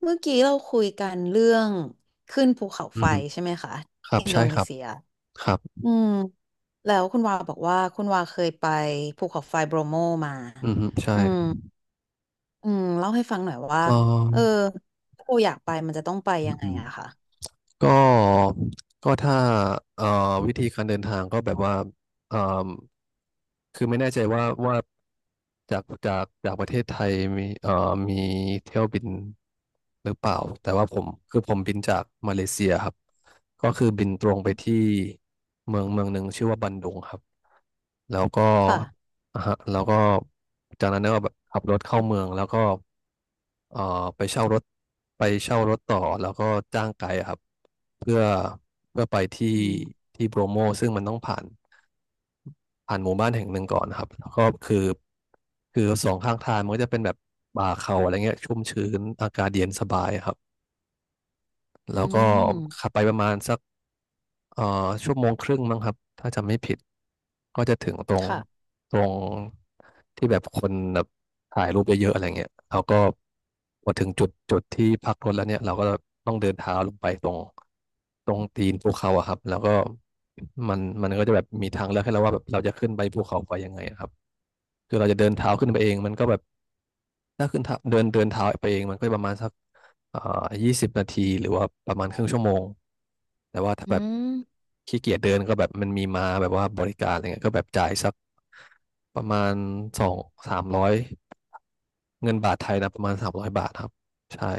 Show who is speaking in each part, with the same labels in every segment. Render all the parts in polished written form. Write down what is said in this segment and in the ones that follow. Speaker 1: เมื่อกี้เราคุยกันเรื่องขึ้นภูเขา
Speaker 2: อื
Speaker 1: ไฟ
Speaker 2: ม
Speaker 1: ใช่ไหมคะ
Speaker 2: ครั
Speaker 1: ที่
Speaker 2: บ
Speaker 1: อินโด
Speaker 2: ใช่ค
Speaker 1: นี
Speaker 2: รับ
Speaker 1: เซีย
Speaker 2: ครับ
Speaker 1: อืมแล้วคุณวาบอกว่าคุณวาเคยไปภูเขาไฟโบรโมมา
Speaker 2: อืมใช่
Speaker 1: อืมเล่าให้ฟังหน่อยว่า
Speaker 2: เอ
Speaker 1: เออ
Speaker 2: อ
Speaker 1: ถ้าเราอยากไปมันจะต้องไป
Speaker 2: อื
Speaker 1: ยั
Speaker 2: ม
Speaker 1: งไง
Speaker 2: อืม
Speaker 1: อะค่ะ
Speaker 2: ก็ก็ถ้าเอ่อวิธีการเดินทางก็แบบว่าเอ่อคือไม่แน่ใจว่าจากประเทศไทยมีเอ่อมีเที่ยวบินหรือเปล่า แต่ว่าผมคือผมบินจากมาเลเซียครับ ก็คือบินตรงไป
Speaker 1: อืม
Speaker 2: ที่เมืองเมืองหนึ่งชื่อว่าบันดุงครับ แล้วก็
Speaker 1: ค่ะ
Speaker 2: แล้วก็ จากนั้นก็แบบขับรถเข้าเมือง แล้วก็เอ่อไปเช่ารถไปเช่ารถต่อ แล้วก็จ้างไกด์อะครับเพื่อเพื่อไปที่
Speaker 1: อืม
Speaker 2: ที่โบรโมซึ่งมันต้องผ่านหมู่บ้านแห่งหนึ่งก่อนนะครับแล้วก็คือสองข้างทางมันก็จะเป็นแบบป่าเขาอะไรเงี้ยชุ่มชื้นอากาศเย็นสบายอะครับ
Speaker 1: อื
Speaker 2: แล้วก็
Speaker 1: ม
Speaker 2: ขับไปประมาณสัก เอ่อชั่วโมงครึ่งมั้งครับถ้าจำไม่ผิดก็จะถึงตรง
Speaker 1: ค่ะ
Speaker 2: ตรงที่แบบคนแบบถ่ายรูปเยอะๆอะไรเงี้ยเราก็พอถึงจุดที่พักรถแล้วเนี่ยเราก็ต้องเดินเท้าลงไปตรงตีนภูเขาอะครับแล้วก็มันก็จะแบบมีทางเลือกให้เราว่าแบบเราจะขึ้นไปภูเขาไฟยังไงอะครับคือเราจะเดินเท้าขึ้นไปเองมันก็แบบ ถ้าขึ้นเท้าเดินเดินเท้าไปเองมันก็ประมาณสักเอ่อ20 นาทีหรือว่าประมาณครึ่งชั่วโมง แต่ว่าถ้า
Speaker 1: อื
Speaker 2: แบบ
Speaker 1: ม
Speaker 2: ขี้เกียจเดินก็แบบมันมีมาแบบว่าบริการอะไรเงี้ยก็แบบจ่ายสักประมาณ200-300เงินบาทไทยนะประมาณ300 บาทครับใช่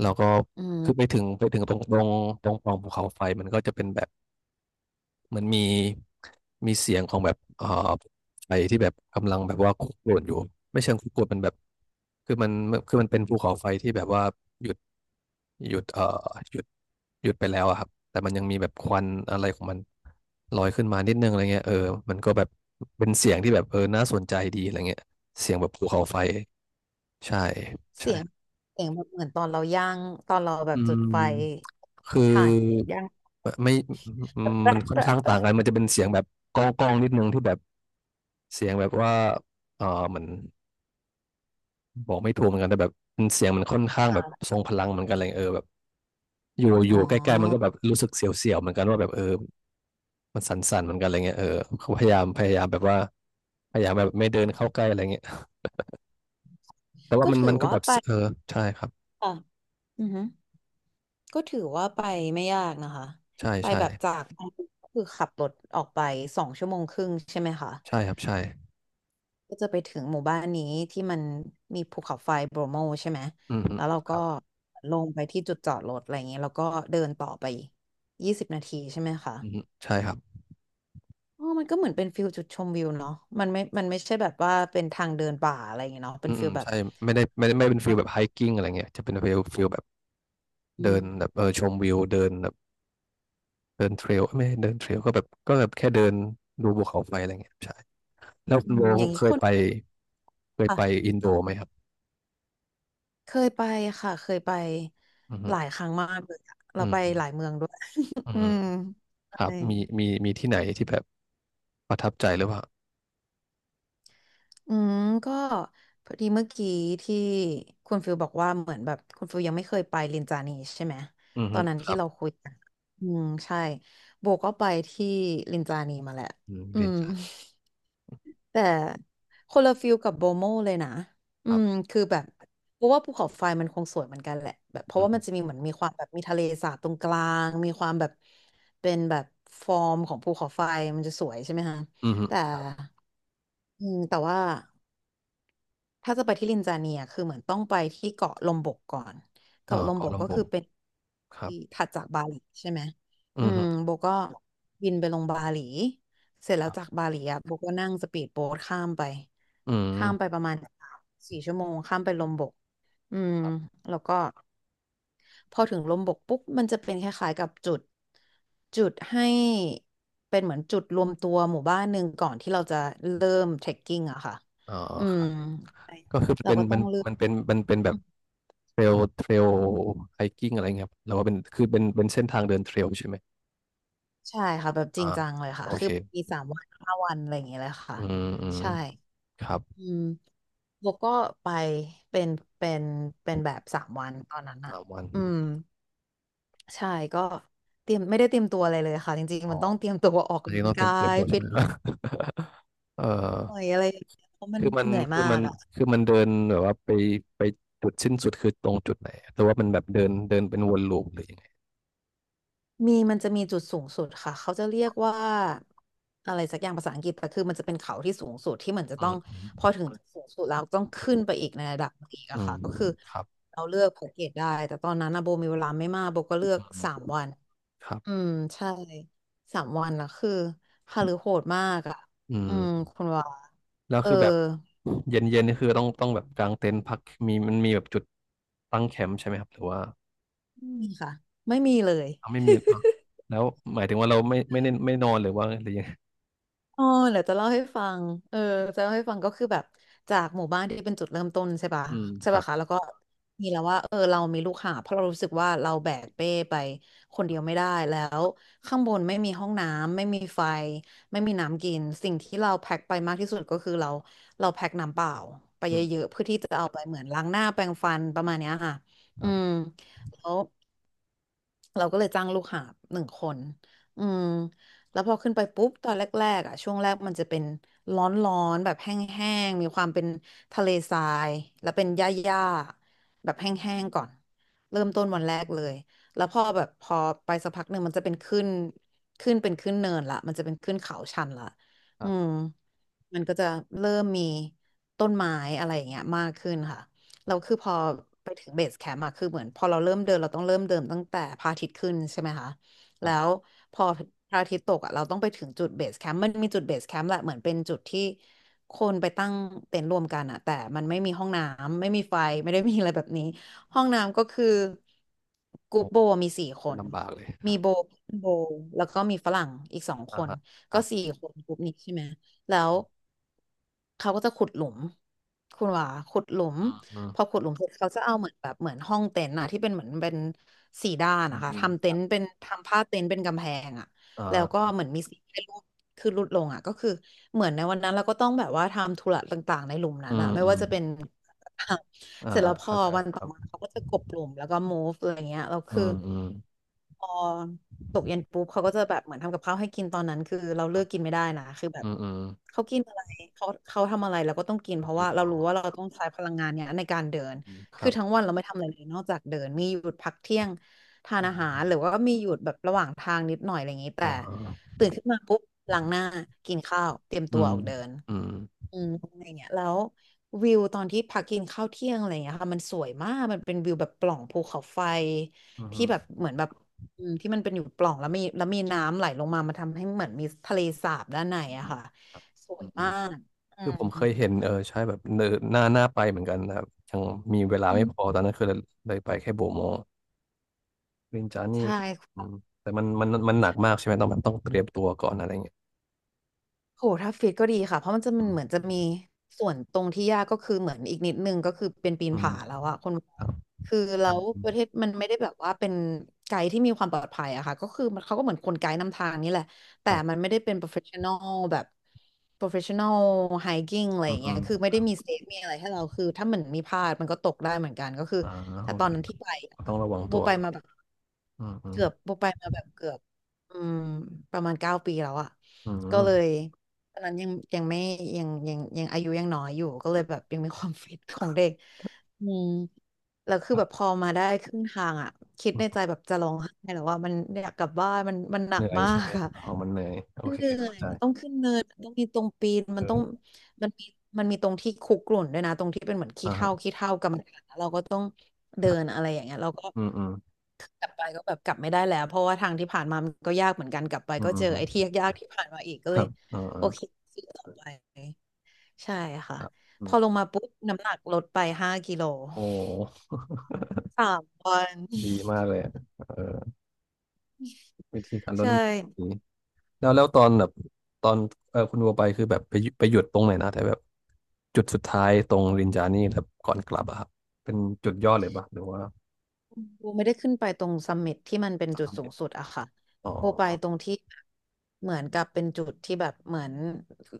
Speaker 2: แล้วก็
Speaker 1: อื
Speaker 2: คือไป
Speaker 1: ม
Speaker 2: ถึงไปถึงตรงปล่องภูเขาไฟมันก็จะเป็นแบบ มันมีเสียงของแบบไฟที่แบบกำลังแบบว่าคุกรุ่นอยู่ไม่เชิงคุกรุ่นมันแบบคือมันคือมันเป็นภูเขาไฟที่แบบว่าหยุดหยุดเอ่อหยุดหยุดไปแล้วอะครับแต่มันยังมีแบบควันอะไรของมันลอยขึ้นมานิดนึงอะไรเงี้ยเออมันก็แบบเป็นเสียงที่แบบเออน่าสนใจดีอะไรเงี้ยเสียงแบบภูเขาไฟใช่ใช่
Speaker 1: เสียงเสียงแบบเหมือนตอนเราย่างตอนเราแบ
Speaker 2: อื
Speaker 1: บจุดไฟ
Speaker 2: มคือ
Speaker 1: ถ่านย่าง
Speaker 2: ไม่มัน
Speaker 1: แปะ
Speaker 2: ค่อน
Speaker 1: แปะ
Speaker 2: ข้างต่า
Speaker 1: แปะ
Speaker 2: งกันมันจะเป็นเสียงแบบก้องก้องนิดนึงที่แบบ เสียงแบบว่าเออเหมือนบอกไม่ถูกเหมือนกันแต่แบบมันเสียงมันค่อนข้างแบบ
Speaker 1: ค่ะ
Speaker 2: ทรงพลังเหมือนกันอะไรเงี้ยเออแบบอยู่อ
Speaker 1: อ๋อ
Speaker 2: ยู่ใกล้ๆมันก็แบบรู้สึกเสียวๆเหมือนกันว่าแบบเออมันสั่นๆเหมือนกันอะไรเงี้ยเออเขาพยายามพยายามแบบว่าพยายามแบบไม่เดินเข้าใกล้อะไรเงี้ยแต่ว่า
Speaker 1: ก็
Speaker 2: มัน
Speaker 1: ถื
Speaker 2: มั
Speaker 1: อ
Speaker 2: นก็
Speaker 1: ว่า
Speaker 2: แบบ
Speaker 1: ไป
Speaker 2: เออใช่ครับ
Speaker 1: อือฮึก็ถือว่าไปไม่ยากนะคะ
Speaker 2: ใช่
Speaker 1: ไป
Speaker 2: ใช่
Speaker 1: แบบจากก็คือขับรถออกไป2 ชั่วโมงครึ่งใช่ไหมคะ
Speaker 2: ใช่ครับใช่
Speaker 1: ก็จะไปถึงหมู่บ้านนี้ที่มันมีภูเขาไฟโบรโมใช่ไหม
Speaker 2: อืมอืม
Speaker 1: แล้วเรา
Speaker 2: ค
Speaker 1: ก็
Speaker 2: รับ
Speaker 1: ลงไปที่จุดจอดรถอะไรอย่างเงี้ยแล้วก็เดินต่อไป20 นาทีใช่ไหมคะ
Speaker 2: อืมอืมใช่ครับ
Speaker 1: อ๋อมันก็เหมือนเป็นฟิลจุดชมวิวเนาะมันไม่มันไม่ใช่แบบว่าเป็นทางเดินป่าอะไรอย่างเงี้ยเนาะ
Speaker 2: อื
Speaker 1: เป็น
Speaker 2: มอื
Speaker 1: ฟิ
Speaker 2: ม
Speaker 1: ลแบบ
Speaker 2: ใช่ไม่ได้ไม่เป็นฟิลแบบไฮกิ้งอะไรเงี้ยจะเป็นฟิลแบบ
Speaker 1: อื
Speaker 2: เดิ
Speaker 1: ม
Speaker 2: นแบบเออชมวิวเดินแบบ เดินเทรลเไม่เดินเทรลก็แบบแค่เดินดูภูเขาไฟอะไรเงี้ยใช่แล้ว
Speaker 1: อื
Speaker 2: คุณโบ
Speaker 1: มอย่างนี้
Speaker 2: เค
Speaker 1: ค
Speaker 2: ย
Speaker 1: น
Speaker 2: ไปเคย
Speaker 1: ค่ะ
Speaker 2: ไปอินโดไหมครับ
Speaker 1: เคยไปค่ะเคยไป
Speaker 2: อื
Speaker 1: หลาย
Speaker 2: ม
Speaker 1: ครั้งมากเลยอะ
Speaker 2: อื
Speaker 1: เราไปหลา
Speaker 2: ม
Speaker 1: ยเมืองด้วย
Speaker 2: อื
Speaker 1: อื
Speaker 2: ม
Speaker 1: ม
Speaker 2: ครับ
Speaker 1: ใช่
Speaker 2: มีที่ไหนที่แบบประทับใจหรือเปล่า
Speaker 1: อืมก็พอดีเมื่อกี้ที่คุณฟิลบอกว่าเหมือนแบบคุณฟิลยังไม่เคยไปลินจานีใช่ไหม
Speaker 2: อืม
Speaker 1: ตอนนั้น
Speaker 2: ค
Speaker 1: ที่
Speaker 2: รับ
Speaker 1: เราคุยกันอืมใช่โบก็ไปที่ลินจานีมาแหละ
Speaker 2: อืม
Speaker 1: อื
Speaker 2: เรียน
Speaker 1: ม
Speaker 2: ชาญ
Speaker 1: แต่คนละฟิลกับโบโมเลยนะอื
Speaker 2: ครั
Speaker 1: ม
Speaker 2: บ
Speaker 1: คือแบบเพราะว่าภูเขาไฟมันคงสวยเหมือนกันแหละแบบเพ
Speaker 2: อื
Speaker 1: ราะ
Speaker 2: ม
Speaker 1: ว่ามันจะมีเหมือนมีความแบบมีทะเลสาบตรงกลางมีความแบบเป็นแบบฟอร์มของภูเขาไฟมันจะสวยใช่ไหมฮะ
Speaker 2: อืม
Speaker 1: แต่
Speaker 2: ครับ
Speaker 1: อืมแต่ว่า ถ้าจะไปที่ลินจาเนียคือเหมือนต้องไปที่เกาะลมบกก่อน
Speaker 2: เออ
Speaker 1: เกาะลม
Speaker 2: เกา
Speaker 1: บ
Speaker 2: ลา
Speaker 1: กก็
Speaker 2: ลำบุ
Speaker 1: คื
Speaker 2: ง
Speaker 1: อเป็น
Speaker 2: ครับ
Speaker 1: ที่ถัดจากบาหลีใช่ไหมอื
Speaker 2: อื
Speaker 1: ม
Speaker 2: ม
Speaker 1: โบก็บินไปลงบาหลีเสร็จ
Speaker 2: ค
Speaker 1: แล้ว
Speaker 2: รับ
Speaker 1: จากบาหลีอ่ะโบก็นั่งสปีดโบ๊ทข้ามไป
Speaker 2: อืม
Speaker 1: ข้ามไปประมาณ4 ชั่วโมงข้ามไปลมบกอืมแล้วก็ พอถึงลมบกปุ๊บมันจะเป็นคล้ายๆกับจุดจุดให้เป็นเหมือนจุดรวมตัวหมู่บ้านหนึ่งก่อนที่เราจะเริ่มเทรคกิ้งอะค่ะ
Speaker 2: อ๋อ
Speaker 1: อื
Speaker 2: ค
Speaker 1: ม
Speaker 2: รับก็คือ
Speaker 1: เรา
Speaker 2: เป็น
Speaker 1: ก็
Speaker 2: มั
Speaker 1: ต้อ
Speaker 2: น
Speaker 1: งเลือก
Speaker 2: มันเป็นมันเป็นแบ
Speaker 1: อื
Speaker 2: บ
Speaker 1: ม
Speaker 2: เทรลไฮกิ้งอะไรเงี้ยครับแล้วว่าเป็นคือเป็นเป็นเส้นทางเดินเทรลใช่ไหม
Speaker 1: ใช่ค่ะแบบจ
Speaker 2: อ่า
Speaker 1: ริงจังเลยค่ะ
Speaker 2: โอ
Speaker 1: คื
Speaker 2: เค
Speaker 1: อแบบมี3 วัน 5 วันอะไรอย่างเงี้ยเลยค่ะ
Speaker 2: อืมอืม
Speaker 1: ใช่
Speaker 2: ครับ
Speaker 1: อืมโบก็ไปเป็นเป็นเป็นแบบสามวันตอนนั้นอะ
Speaker 2: 3 วัน
Speaker 1: อืมใช่ก็เตรียมไม่ได้เตรียมตัวอะไรเลยค่ะจริง
Speaker 2: อ๋อ
Speaker 1: ๆมันต้องเตรียมตัวออก
Speaker 2: อัน
Speaker 1: กำ
Speaker 2: นี้
Speaker 1: ลัง
Speaker 2: ต้องเตรี
Speaker 1: กา
Speaker 2: ยมเตรียม
Speaker 1: ย
Speaker 2: ตัวใช่
Speaker 1: ฟิ
Speaker 2: ไห
Speaker 1: ต
Speaker 2: ม เออ
Speaker 1: หน่อยอะไรอย่างเงี้ยเพราะมัน
Speaker 2: คือมัน
Speaker 1: เหนื่อย
Speaker 2: คื
Speaker 1: มา
Speaker 2: อมั
Speaker 1: ก
Speaker 2: น
Speaker 1: อ่ะ
Speaker 2: คือมันเดินแบบว่าไปจุดสิ้นสุดคือตรงจุดไหนหรือว่ามันแบบเดินเดินเป็นวนลูปหรือยังไง
Speaker 1: มีมันจะมีจุดสูงสุดค่ะเขาจะเรียกว่าอะไรสักอย่างภาษาอังกฤษแต่คือมันจะเป็นเขาที่สูงสุดที่เหมือนจะต้
Speaker 2: อื
Speaker 1: องพอ
Speaker 2: ม
Speaker 1: ถึงจุดสูงสุดแล้วต้องขึ้นไปอีกในระดับหนึ่งอีก
Speaker 2: อื
Speaker 1: อะ
Speaker 2: ม
Speaker 1: ค่ะก็คือ
Speaker 2: ครับ
Speaker 1: เราเลือกแพ็กเกจได้แต่ตอนนั้นนะโบมีเวลาไม่มากโบก็
Speaker 2: อื
Speaker 1: เลือกสาม
Speaker 2: ม
Speaker 1: วัน
Speaker 2: ครับ
Speaker 1: อืมใช่สามวันนะคือฮาลือโหดมากอ่ะ
Speaker 2: อื
Speaker 1: อืม
Speaker 2: ม
Speaker 1: คุณว่า
Speaker 2: แล้ว
Speaker 1: เออ
Speaker 2: คือแบบเย็นเย็นนี่คือต้องแบบกางเต็นท์พักมันมีแบบจุดตั้งแคมป์ใช่ไหมครับหรือว่า
Speaker 1: ไม่มีค่ะไม่มีเลย
Speaker 2: เอาไม่มีอ่ะแล้วหมายถึงว่าเราไม่ได้ไม่นอนหรือว่าหรือยังไง
Speaker 1: อ๋อเดี๋ยวจะเล่าให้ฟังเออจะเล่าให้ฟังก็คือแบบจากหมู่บ้านที่เป็นจุดเริ่มต้นใช่ปะ
Speaker 2: อืม
Speaker 1: ใช่
Speaker 2: ครั
Speaker 1: ปะ
Speaker 2: บ
Speaker 1: คะแล้วก็มีแล้วว่าเรามีลูกหาบเพราะเรารู้สึกว่าเราแบกเป้ไปคนเดียวไม่ได้แล้วข้างบนไม่มีห้องน้ำไม่มีไฟไม่มีน้ำกินสิ่งที่เราแพ็คไปมากที่สุดก็คือเราเราแพ็คน้ำเปล่าไป
Speaker 2: อื
Speaker 1: เย
Speaker 2: ม
Speaker 1: อะๆเพื่อที่จะเอาไปเหมือนล้างหน้าแปรงฟันประมาณเนี้ยค่ะ
Speaker 2: ค
Speaker 1: อื
Speaker 2: รั
Speaker 1: ม
Speaker 2: บ
Speaker 1: แล้ว เราก็เลยจ้างลูกหาบหนึ่งคนอืมแล้วพอขึ้นไปปุ๊บตอนแรกๆอ่ะช่วงแรกมันจะเป็นร้อนๆแบบแห้งๆมีความเป็นทะเลทรายแล้วเป็นหญ้าๆแบบแห้งๆก่อนเริ่มต้นวันแรกเลยแล้วพอแบบพอไปสักพักหนึ่งมันจะเป็นขึ้นขึ้นเป็นขึ้นเนินละมันจะเป็นขึ้นเขาชันละ
Speaker 2: ค
Speaker 1: อื
Speaker 2: รั
Speaker 1: ม
Speaker 2: บ
Speaker 1: มันก็จะเริ่มมีต้นไม้อะไรอย่างเงี้ยมากขึ้นค่ะ เราคือพอไปถึงเบสแคมป์อะคือเหมือนพอเราเริ่มเดินเราต้องเริ่มเดินตั้งแต่พระอาทิตย์ขึ้นใช่ไหมคะ
Speaker 2: ครั
Speaker 1: แล้
Speaker 2: บ
Speaker 1: วพอพระอาทิตย์ตกอะเราต้องไปถึงจุดเบสแคมป์มันมีจุดเบสแคมป์แหละเหมือนเป็นจุดที่คนไปตั้งเต็นท์รวมกันอะแต่มันไม่มีห้องน้ำไม่มีไฟไม่ได้มีอะไรแบบนี้ห้องน้ำก็คือกรุ๊
Speaker 2: โอ้
Speaker 1: ปโบมีสี่ค
Speaker 2: เป็น
Speaker 1: น
Speaker 2: ลำบากเลย
Speaker 1: มีโบโบแล้วก็มีฝรั่งอีกสองค
Speaker 2: อ่า
Speaker 1: น
Speaker 2: ฮะค
Speaker 1: ก็
Speaker 2: รับ
Speaker 1: สี่คนกรุ๊ปนี้ใช่ไหมแล้วเขาก็จะขุดหลุมคุณหว่าขุดหลุม
Speaker 2: อืมอืม
Speaker 1: พอขุดหลุมเสร็จเขาจะเอาเหมือนแบบเหมือนห้องเต็นท์อะที่เป็นเหมือนเป็นสี่ด้าน
Speaker 2: อื
Speaker 1: นะ
Speaker 2: ม
Speaker 1: คะ
Speaker 2: อืม
Speaker 1: ทำเต็นท์เป็นทำผ้าเต็นท์เป็นกำแพงอะ
Speaker 2: อ่
Speaker 1: แล้วก็
Speaker 2: า
Speaker 1: เหมือนมีสีให้รูปคือรูดลงอะก็คือเหมือนในวันนั้นเราก็ต้องแบบว่าทำธุระต่างๆในหลุมนั้
Speaker 2: อื
Speaker 1: น
Speaker 2: ม
Speaker 1: อะไม่
Speaker 2: อื
Speaker 1: ว่า
Speaker 2: ม
Speaker 1: จะเป็น
Speaker 2: อ่า
Speaker 1: เสร็จแล้วพอ
Speaker 2: เข้าใจ
Speaker 1: วัน
Speaker 2: ค
Speaker 1: ต่อ
Speaker 2: รับ
Speaker 1: มาเขาก็จะกลบหลุมแล้วก็ move อะไรเงี้ยแล้ว
Speaker 2: อื
Speaker 1: คือ
Speaker 2: มอืม
Speaker 1: พอตกเย็นปุ๊บเขาก็จะแบบเหมือนทำกับข้าวให้กินตอนนั้นคือเรา
Speaker 2: ค
Speaker 1: เลื
Speaker 2: รั
Speaker 1: อ
Speaker 2: บ
Speaker 1: กกินไม่ได้นะคือแบ
Speaker 2: อื
Speaker 1: บ
Speaker 2: มอืม
Speaker 1: เขากินอะไรเขาทำอะไรเราก็ต้องกิน
Speaker 2: ก็
Speaker 1: เพราะ
Speaker 2: กิ
Speaker 1: ว่า
Speaker 2: นห
Speaker 1: เรา
Speaker 2: มอ
Speaker 1: รู้ว่าเราต้องใช้พลังงานเนี้ยในการเดิน
Speaker 2: อืมค
Speaker 1: คื
Speaker 2: รั
Speaker 1: อ
Speaker 2: บ
Speaker 1: ทั้งวันเราไม่ทำอะไรเลยนอกจากเดินมีหยุดพักเที่ยงทาน
Speaker 2: อืม
Speaker 1: อาหา
Speaker 2: อื
Speaker 1: ร
Speaker 2: ม
Speaker 1: หรือว่ามีหยุดแบบระหว่างทางนิดหน่อยอะไรอย่างนี้แต่
Speaker 2: อ่าฮะ
Speaker 1: ตื่นขึ้นมาปุ๊บล้างหน้ากินข้าวเตรียม
Speaker 2: อื
Speaker 1: ตัว
Speaker 2: ม
Speaker 1: ออกเดิน
Speaker 2: อืม
Speaker 1: อืมอะไรเงี้ยแล้ววิวตอนที่พักกินข้าวเที่ยงอะไรเงี้ยค่ะมันสวยมากมันเป็นวิวแบบปล่องภูเขาไฟ
Speaker 2: อื
Speaker 1: ที่แบบ
Speaker 2: ม
Speaker 1: เหมือนแบบ อืมที่มันเป็นอยู่ปล่องแล้วมีน้ำไหลลงมามาทำให้เหมือนมีทะเลสาบด้านใน
Speaker 2: อื
Speaker 1: อะ
Speaker 2: ม
Speaker 1: ค่ะ
Speaker 2: ครับ
Speaker 1: สว
Speaker 2: อื
Speaker 1: ย
Speaker 2: มอื
Speaker 1: มา
Speaker 2: ม
Speaker 1: ก
Speaker 2: คือผมเคยเห็นเออใช่แบบเนอหน้าไปเหมือนกันนะครับยังมีเวลา
Speaker 1: อื
Speaker 2: ไม่พอ
Speaker 1: ม
Speaker 2: ตอนนั้นคือเลยไปแค่โบโมลินจานี่
Speaker 1: ใช่
Speaker 2: คืออืมแต่มันมันมันหนักมากใช่ไหมต้องแบบต้องเตรียมตัวก่อนอะไรเงี้ย
Speaker 1: โหถ้าฟิตก็ดีค่ะ เพราะมันจะ
Speaker 2: อื
Speaker 1: มันเหมือ
Speaker 2: ม
Speaker 1: นจะมีส่วนตรงที่ยากก็คือเหมือนอีกนิดนึงก็คือเป็นปีน
Speaker 2: อืม
Speaker 1: ผาแล้วอะคน
Speaker 2: ครับ
Speaker 1: คือแล้
Speaker 2: อืม
Speaker 1: ว
Speaker 2: อื
Speaker 1: ป
Speaker 2: ม
Speaker 1: ระเทศมันไม่ได้แบบว่าเป็นไกด์ที่มีความปลอดภัยอะค่ะก็คือมันเขาก็เหมือนคนไกด์นำทางนี่แหละ
Speaker 2: ค
Speaker 1: แต่
Speaker 2: รั
Speaker 1: มัน
Speaker 2: บ
Speaker 1: ไม่ได้เป็น professional แบบ professional hiking อะไร
Speaker 2: อื
Speaker 1: อ
Speaker 2: ม
Speaker 1: ย่าง
Speaker 2: อื
Speaker 1: เงี้ย
Speaker 2: ม
Speaker 1: คือไม่ได้มีเซฟมีอะไรให้เราคือถ้ามันมีพลาดมันก็ตกได้เหมือนกันก็คือ
Speaker 2: อ่า
Speaker 1: แต่
Speaker 2: โอ
Speaker 1: ตอน
Speaker 2: เค
Speaker 1: นั้นที่ไปแบ
Speaker 2: ต้อ
Speaker 1: บ
Speaker 2: งระวัง
Speaker 1: โบ
Speaker 2: ตัว
Speaker 1: ไปมาแบบ
Speaker 2: อืมอืม
Speaker 1: โบไปมาแบบเกือบอืมประมาณ9 ปีแล้วอะ
Speaker 2: อื
Speaker 1: ก็เลย
Speaker 2: ม
Speaker 1: ตอนนั้นยังไม่ยังอายุยังน้อยอยู่ก็เลยแบบยังมีความ ฟิตของเด็กอืมแล้วคือแบบพอมาได้ครึ่งทางอ่ะคิดในใจแบบจะร้องไห้แล้วว่ามันอยากกลับบ้านมันห
Speaker 2: เห
Speaker 1: นัก
Speaker 2: นื่อย
Speaker 1: มา
Speaker 2: ใช่
Speaker 1: ก
Speaker 2: ไหม
Speaker 1: อ่ะ
Speaker 2: อ๋อมันเหนื่อยโอ
Speaker 1: มัน
Speaker 2: เค
Speaker 1: เหนื่อ
Speaker 2: เข้า
Speaker 1: ย
Speaker 2: ใจ
Speaker 1: มันต้องขึ้นเนินมันต้องมีตรงปีนมั
Speaker 2: เอ
Speaker 1: นต้อง
Speaker 2: อ
Speaker 1: มันมีมันมีตรงที่คุกรุ่นด้วยนะตรงที่เป็นเหมือนขี้
Speaker 2: อ่าฮะ
Speaker 1: เถ้าขี้เถ้ากรรมฐานแล้วเราก็ต้อง
Speaker 2: ค
Speaker 1: เดิ
Speaker 2: รับ
Speaker 1: นอะไรอย่างเงี้ยเราก็
Speaker 2: อืมอืม
Speaker 1: กลับไปก็แบบกลับไม่ได้แล้วเพราะว่าทางที่ผ่านมามันก็ยากเหมือนกันกลับไป
Speaker 2: อืม
Speaker 1: ก็
Speaker 2: อื
Speaker 1: เจอ
Speaker 2: ม
Speaker 1: ไอ้ที่ยากๆที่ผ่านมาอีกก็
Speaker 2: ค
Speaker 1: เล
Speaker 2: รั
Speaker 1: ย
Speaker 2: บอ่าอ่า
Speaker 1: โอเคสู้ต่อไปใช่ค่ะ
Speaker 2: ครับอื
Speaker 1: พอล
Speaker 2: ม
Speaker 1: งมาปุ๊บน้ำหนักลดไป5 กิโล
Speaker 2: โอ้
Speaker 1: 3 วัน
Speaker 2: ดีมาก เลยอะเออวิธีการลด
Speaker 1: ใช่
Speaker 2: น้ำหนักดีแล้วแล้วตอนคุณวัวไปคือแบบไปหยุดตรงไหนนะแต่แบบจุดสุดท้ายตรงรินจานี่แบบก่อนกลับอะครับเป็นจุดยอดเลยปะหรือว่า
Speaker 1: โบไม่ได้ขึ้นไปตรงซัมมิตที่มันเป็นจุด
Speaker 2: ทำ
Speaker 1: สู
Speaker 2: เด็
Speaker 1: ง
Speaker 2: ด
Speaker 1: สุดอะค่ะ
Speaker 2: อ๋อ
Speaker 1: โบไปตรงที่เหมือนกับเป็นจุดที่แบบเหมือน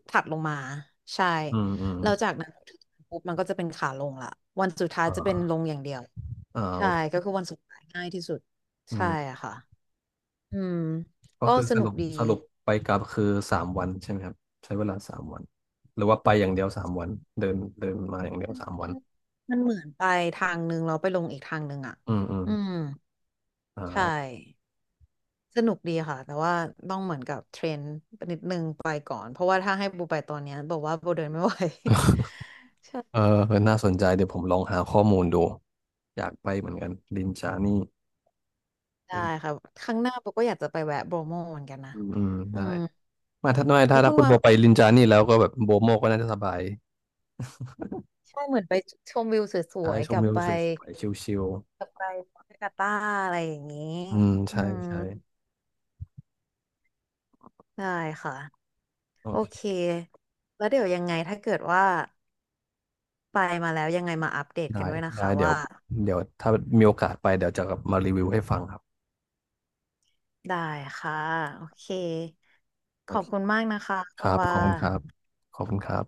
Speaker 1: ถัดลงมาใช่
Speaker 2: อืมอืม
Speaker 1: แล้วจากนั้นปุ๊บมันก็จะเป็นขาลงละวันสุดท้าย
Speaker 2: อ
Speaker 1: จะเป็นล
Speaker 2: ่า
Speaker 1: งอย่างเดียว
Speaker 2: อ่าโอ
Speaker 1: ใช่
Speaker 2: เค
Speaker 1: ก็คือวันสุดท้ายง่ายที่สุด
Speaker 2: อื
Speaker 1: ใช่
Speaker 2: ม
Speaker 1: อะค่ะอืม
Speaker 2: ก็
Speaker 1: ก็
Speaker 2: คือ
Speaker 1: ส
Speaker 2: ส
Speaker 1: นุก
Speaker 2: รุป
Speaker 1: ดี
Speaker 2: สรุปไปกลับคือสามวันใช่ไหมครับใช้เวลาสามวันหรือว่าไปอย่างเดียวสามวันเดินเดินมาอย่างเดียวสามวัน
Speaker 1: มันเหมือนไปทางนึงแล้วไปลงอีกทางนึงอะ
Speaker 2: อืมอืม
Speaker 1: อืม
Speaker 2: อ
Speaker 1: ใช่
Speaker 2: ่า
Speaker 1: สนุกดีค่ะแต่ว่าต้องเหมือนกับเทรนนิดนึงไปก่อนเพราะว่าถ้าให้โบไปตอนเนี้ยบอกว่าโบเดินไม่ไหว
Speaker 2: เออน่าสนใจเดี๋ยวผมลองหาข้อมูลดูอยากไปเหมือนกันลินจานี่
Speaker 1: ได้
Speaker 2: อืม
Speaker 1: ค่ะครั้งหน้าโบก็อยากจะไปแวะโบรโมเหมือนกันนะ
Speaker 2: อืม
Speaker 1: อื
Speaker 2: ได้
Speaker 1: ม
Speaker 2: มาถ้าไม่ถ้า
Speaker 1: แล้วคุ
Speaker 2: ถ้า
Speaker 1: ณ
Speaker 2: คุณ
Speaker 1: ว่า
Speaker 2: โบไปลินจานี่แล้วก็แบบโบโมก็น่าจะสบาย
Speaker 1: ใช่เหมือนไปชมวิวส
Speaker 2: ใช่
Speaker 1: วย
Speaker 2: ช
Speaker 1: ๆก
Speaker 2: ม
Speaker 1: ลับ
Speaker 2: วิว
Speaker 1: ไป
Speaker 2: สวยๆชิล
Speaker 1: กลับไปปาการ์ต้าอะไรอย่างนี้
Speaker 2: ๆอืม
Speaker 1: อื
Speaker 2: ใช่
Speaker 1: ม
Speaker 2: ใช่
Speaker 1: ได้ค่ะ
Speaker 2: โอ
Speaker 1: โอเค
Speaker 2: เค
Speaker 1: แล้วเดี๋ยวยังไงถ้าเกิดว่าไปมาแล้วยังไงมาอัปเดตกั
Speaker 2: ได้
Speaker 1: นด้วยนะ
Speaker 2: ได้
Speaker 1: คะ
Speaker 2: เดี๋ยว
Speaker 1: ว่า
Speaker 2: เดี๋ยวถ้ามีโอกาสไปเดี๋ยวจะกลับมารีวิวให้ฟังครับ
Speaker 1: ได้ค่ะโอเคข
Speaker 2: โอ
Speaker 1: อ
Speaker 2: เค
Speaker 1: บคุณมากนะคะ
Speaker 2: ค
Speaker 1: คุณ
Speaker 2: รับ
Speaker 1: ว่า
Speaker 2: ขอบคุณครับขอบคุณครับ